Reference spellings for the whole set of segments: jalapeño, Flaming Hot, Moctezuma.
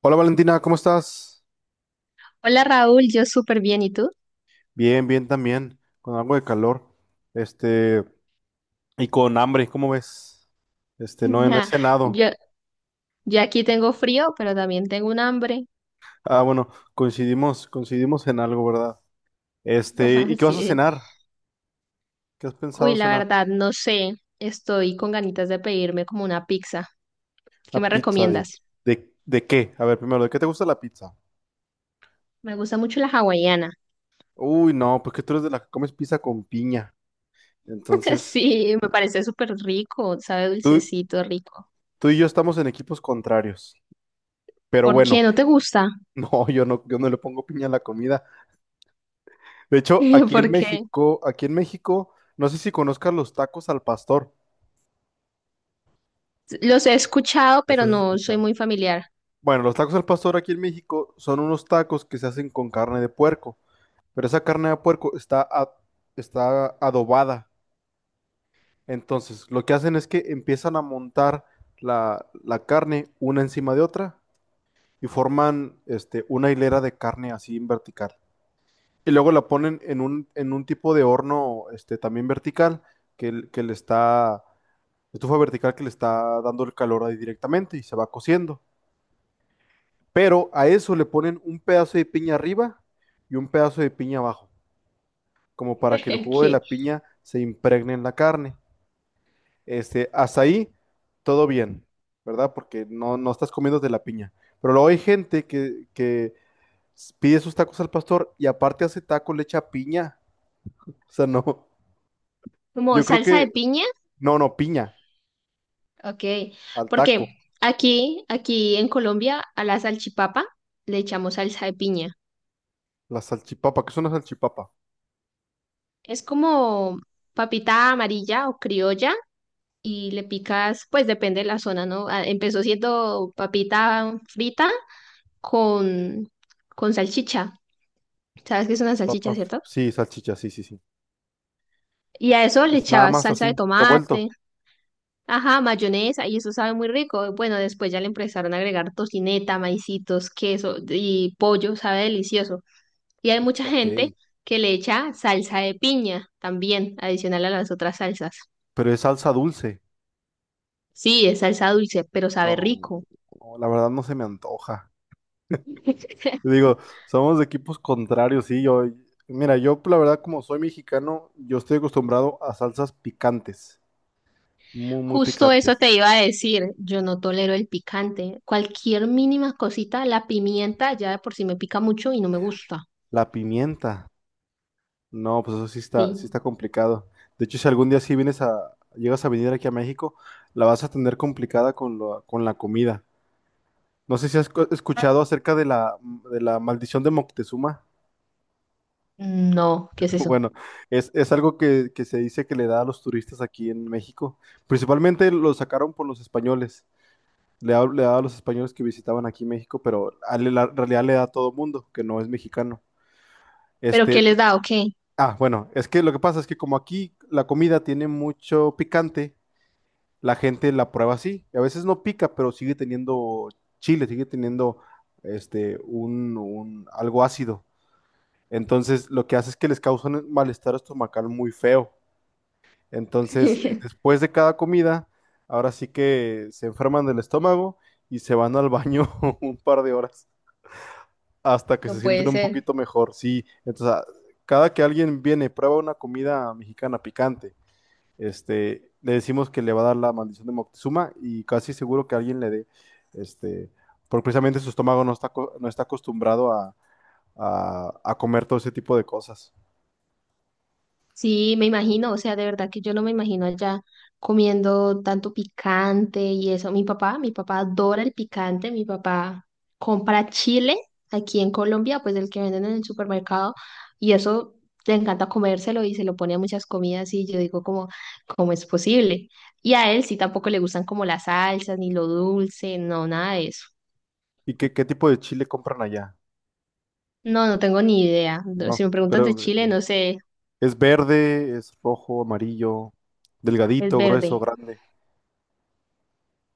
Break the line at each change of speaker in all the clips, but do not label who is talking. Hola Valentina, ¿cómo estás?
Hola Raúl, yo súper bien, ¿y tú?
Bien, bien también, con algo de calor, este, y con hambre, ¿cómo ves? No, no he cenado.
Yo, yo aquí tengo frío, pero también tengo un hambre.
Ah, bueno, coincidimos, coincidimos en algo, ¿verdad? ¿Y qué vas
Así
a
es.
cenar? ¿Qué has
Uy,
pensado
la
cenar?
verdad, no sé, estoy con ganitas de pedirme como una pizza. ¿Qué
Una
me
pizza
recomiendas?
¿de qué? A ver, primero, ¿de qué te gusta la pizza?
Me gusta mucho la hawaiana.
Uy, no, porque tú eres de la que comes pizza con piña. Entonces,
Sí, me parece súper rico, sabe
tú,
dulcecito, rico.
tú y yo estamos en equipos contrarios. Pero
¿Por qué
bueno,
no te gusta?
no, yo no le pongo piña a la comida. De hecho,
Porque
Aquí en México, no sé si conozcas los tacos al pastor.
los he escuchado,
¿Los
pero
has
no soy
escuchado?
muy familiar.
Bueno, los tacos al pastor aquí en México son unos tacos que se hacen con carne de puerco, pero esa carne de puerco está adobada. Entonces, lo que hacen es que empiezan a montar la carne una encima de otra y forman una hilera de carne así en vertical. Y luego la ponen en en un tipo de horno también vertical que le está estufa vertical que le está dando el calor ahí directamente y se va cociendo. Pero a eso le ponen un pedazo de piña arriba y un pedazo de piña abajo, como para que el jugo de
¿Qué?
la piña se impregne en la carne. Hasta ahí todo bien, ¿verdad? Porque no, no estás comiendo de la piña. Pero luego hay gente que pide sus tacos al pastor y aparte hace taco, le echa piña. O sea, no.
¿Como
Yo creo
salsa de
que,
piña?
no, no, piña
Ok,
al taco.
porque aquí en Colombia, a la salchipapa le echamos salsa de piña.
La salchipapa, ¿qué es una salchipapa?
Es como papita amarilla o criolla y le picas, pues depende de la zona, ¿no? Ah, empezó siendo papita frita con, con salchicha. ¿Sabes qué es una salchicha, cierto?
Sí, salchicha, sí, sí, sí.
Y a eso le
Es nada
echabas
más
salsa de
así, revuelto.
tomate, ajá, mayonesa, y eso sabe muy rico. Bueno, después ya le empezaron a agregar tocineta, maicitos, queso y pollo, sabe delicioso. Y hay mucha
Ok.
gente que le echa salsa de piña también, adicional a las otras salsas.
Pero es salsa dulce.
Sí, es salsa dulce, pero
No,
sabe rico.
no, la verdad no se me antoja. Digo, somos de equipos contrarios, sí. Mira, yo la verdad como soy mexicano, yo estoy acostumbrado a salsas picantes, muy, muy
Justo eso
picantes.
te iba a decir. Yo no tolero el picante. Cualquier mínima cosita, la pimienta ya de por sí me pica mucho y no me gusta.
La pimienta, no, pues eso
Sí.
sí está complicado. De hecho, si algún día sí vienes a, llegas a venir aquí a México, la vas a tener complicada con la comida. No sé si
Ah,
escuchado acerca de de la maldición de Moctezuma.
no, ¿qué es eso?
Bueno, es algo que se dice que le da a los turistas aquí en México. Principalmente lo sacaron por los españoles. Le daba a los españoles que visitaban aquí México, pero la realidad le da a todo mundo que no es mexicano.
¿Pero
Este,
qué les da o qué?
bueno, es que lo que pasa es que como aquí la comida tiene mucho picante, la gente la prueba así. Y a veces no pica, pero sigue teniendo chile, sigue teniendo algo ácido. Entonces, lo que hace es que les causa un malestar estomacal muy feo. Entonces, después de cada comida, ahora sí que se enferman del estómago y se van al baño un par de horas hasta que se
No
sienten
puede
un
ser.
poquito mejor. Sí, entonces, cada que alguien viene, prueba una comida mexicana picante, le decimos que le va a dar la maldición de Moctezuma y casi seguro que alguien le dé, este, porque precisamente su estómago no está acostumbrado a comer todo ese tipo de cosas.
Sí, me imagino, o sea, de verdad que yo no me imagino allá comiendo tanto picante y eso. Mi papá adora el picante, mi papá compra chile aquí en Colombia, pues el que venden en el supermercado, y eso le encanta comérselo y se lo pone a muchas comidas y yo digo como, ¿cómo es posible? Y a él sí tampoco le gustan como las salsas, ni lo dulce, no, nada de eso.
¿Y qué tipo de chile compran allá?
No, no tengo ni idea. No,
No,
si me preguntas de
pero
chile, no sé,
es verde, es rojo, amarillo,
es
delgadito, grueso,
verde,
grande.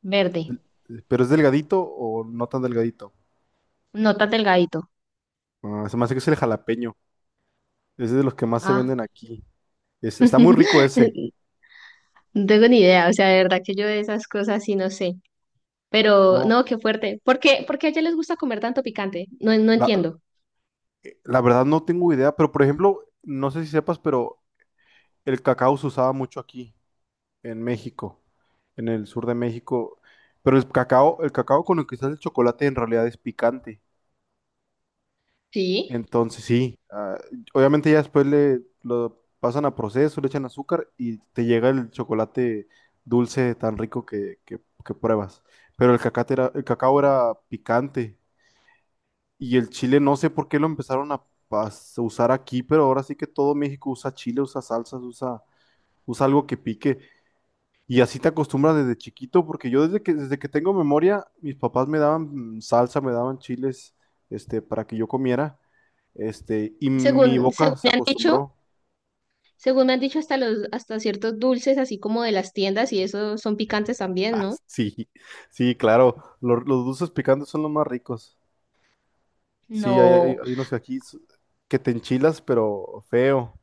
verde,
¿Pero es delgadito o no tan delgadito?
no tan delgadito.
Ah, se me hace que es el jalapeño. Es de los que más se
Ah.
venden aquí. Está muy rico ese.
No tengo ni idea, o sea, de verdad que yo de esas cosas sí no sé. Pero
No,
no, qué fuerte. ¿Por qué a ella les gusta comer tanto picante? No, no
la,
entiendo.
la verdad no tengo idea, pero por ejemplo, no sé si sepas, pero el cacao se usaba mucho aquí, en México, en el sur de México. Pero el cacao con el que se hace el chocolate en realidad es picante.
Sí.
Entonces, sí, obviamente ya después le lo pasan a proceso, le echan azúcar y te llega el chocolate dulce tan rico que pruebas. Pero el cacao era picante y el chile no sé por qué lo empezaron a usar aquí, pero ahora sí que todo México usa chile, usa salsas, usa algo que pique. Y así te acostumbras desde chiquito, porque yo desde que tengo memoria, mis papás me daban salsa, me daban chiles, para que yo comiera, y mi
Según
boca se
me han dicho,
acostumbró.
según me han dicho hasta hasta ciertos dulces, así como de las tiendas, y eso son picantes también,
Ah,
¿no?
sí, sí, claro, los dulces picantes son los más ricos. Sí,
No,
hay unos que que te enchilas, pero feo.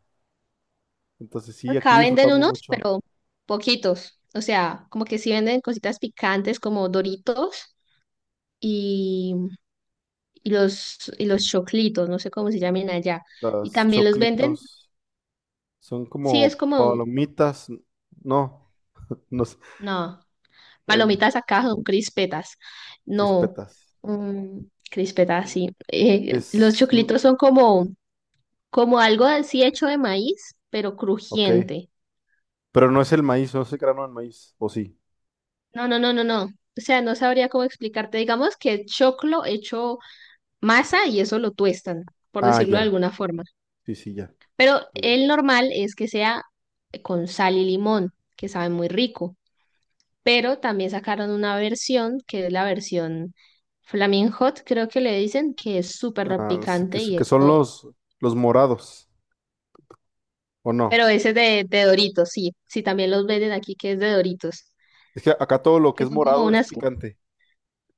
Entonces sí, aquí
acá venden
disfrutamos
unos,
mucho.
pero poquitos. O sea, como que sí venden cositas picantes como Doritos y, y los choclitos, no sé cómo se llaman allá. Y
Las
también los venden.
choclitos son
Sí, es
como
como,
palomitas, no, no sé,
no,
el
palomitas acá son crispetas. No,
crispetas.
mm, crispetas, sí. Los
Es, mm,
choclitos son como, como algo así hecho de maíz, pero
ok.
crujiente.
Pero no es el maíz, no es el grano del maíz. ¿O sí?
No, no, no, no, no. O sea, no sabría cómo explicarte. Digamos que es choclo hecho masa y eso lo tuestan, por
Ah,
decirlo de
ya.
alguna forma.
Sí, sí, ya.
Pero
Ya, ya.
el normal es que sea con sal y limón, que sabe muy rico. Pero también sacaron una versión que es la versión Flaming Hot, creo que le dicen, que es súper
Ah, sí,
picante y
que son
eso,
los morados, ¿o
pero
no?
ese es de Doritos, sí, sí, también los venden aquí que es de Doritos,
Es que acá todo lo que
que
es
son como
morado es
unas,
picante.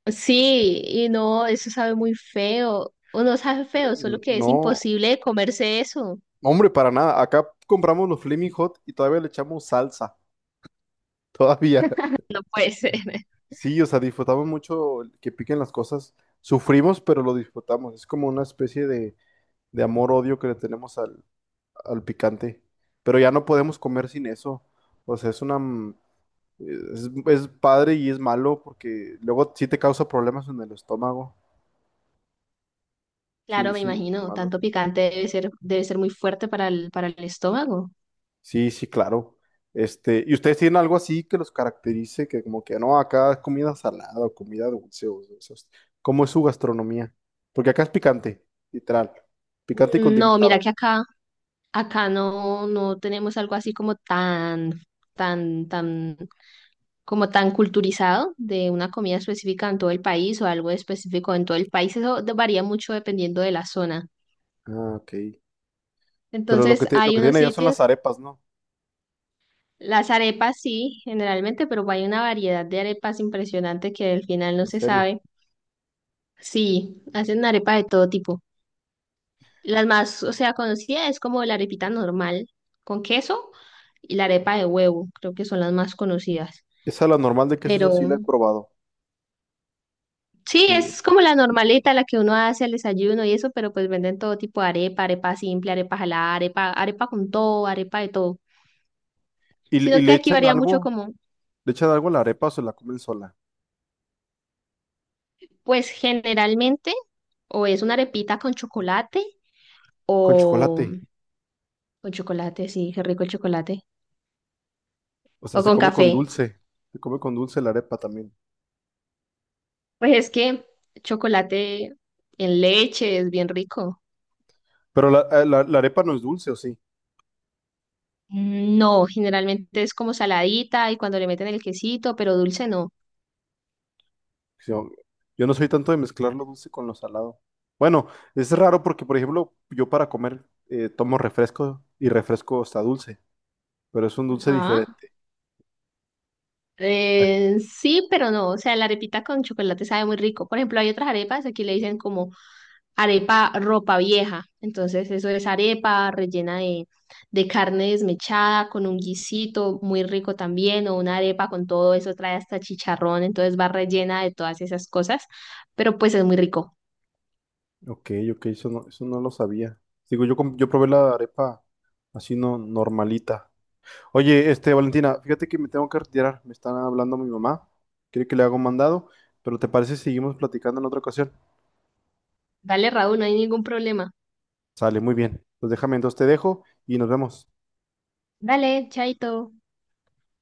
sí, y no, eso sabe muy feo, o no sabe feo, solo que es
No,
imposible de comerse eso,
hombre, para nada. Acá compramos los Flaming Hot y todavía le echamos salsa. Todavía.
no puede ser.
Sí, o sea, disfrutamos mucho el que piquen las cosas. Sufrimos, pero lo disfrutamos. Es como una especie de amor-odio que le tenemos al picante. Pero ya no podemos comer sin eso. O sea, es una... es padre y es malo porque luego sí te causa problemas en el estómago. Sí,
Claro, me
sí, es
imagino,
malo.
tanto picante debe ser muy fuerte para para el estómago.
Sí, sí, claro. ¿Y ustedes tienen algo así que los caracterice? Que como que no, acá es comida salada o comida dulce o ¿cómo es su gastronomía? Porque acá es picante, literal. Picante y
Mm, no, mira
condimentada.
que acá, acá no, no tenemos algo así como tan, tan, como tan culturizado de una comida específica en todo el país o algo específico en todo el país. Eso de- varía mucho dependiendo de la zona.
Ah, ok. Pero lo
Entonces,
lo
hay
que tienen
unos
allá son las
sitios,
arepas, ¿no?
las arepas sí, generalmente, pero hay una variedad de arepas impresionante que al final no
En
se
serio.
sabe. Sí, hacen arepa de todo tipo. Las más, o sea, conocida es como la arepita normal con queso y la arepa de huevo, creo que son las más conocidas.
Esa la normal de queso, eso sí la
Pero
he probado.
sí,
Sí.
es como la normalita la que uno hace al desayuno y eso, pero pues venden todo tipo de arepa, arepa simple, arepa jalada, arepa, arepa con todo, arepa de todo.
¿Y,
Sino que
le
aquí
echan
varía mucho
algo?
como,
¿Le echan algo a la arepa o se la comen sola?
pues generalmente, o es una arepita con chocolate,
Con chocolate.
o con chocolate, sí, qué rico el chocolate,
O
o
sea, se
con
come con
café.
dulce. Se come con dulce la arepa también.
Pues es que chocolate en leche es bien rico.
Pero la arepa no es dulce, ¿o sí?
Mm, no, generalmente es como saladita y cuando le meten el quesito, pero dulce no.
Yo, yo no soy tanto de mezclar lo dulce con lo salado. Bueno, es raro porque, por ejemplo, yo para comer tomo refresco y refresco está dulce, pero es un dulce
Ajá.
diferente.
Sí, pero no. O sea, la arepita con chocolate sabe muy rico. Por ejemplo, hay otras arepas, aquí le dicen como arepa ropa vieja. Entonces, eso es arepa rellena de carne desmechada con un guisito muy rico también, o una arepa con todo eso, trae hasta chicharrón, entonces va rellena de todas esas cosas. Pero pues es muy rico.
Ok, ok, eso no lo sabía. Digo, yo probé la arepa así no normalita. Oye, Valentina, fíjate que me tengo que retirar. Me está hablando mi mamá. Quiere que le haga un mandado, pero ¿te parece si seguimos platicando en otra ocasión?
Dale, Raúl, no hay ningún problema.
Sale, muy bien. Pues déjame, entonces te dejo y nos vemos.
Dale, chaito.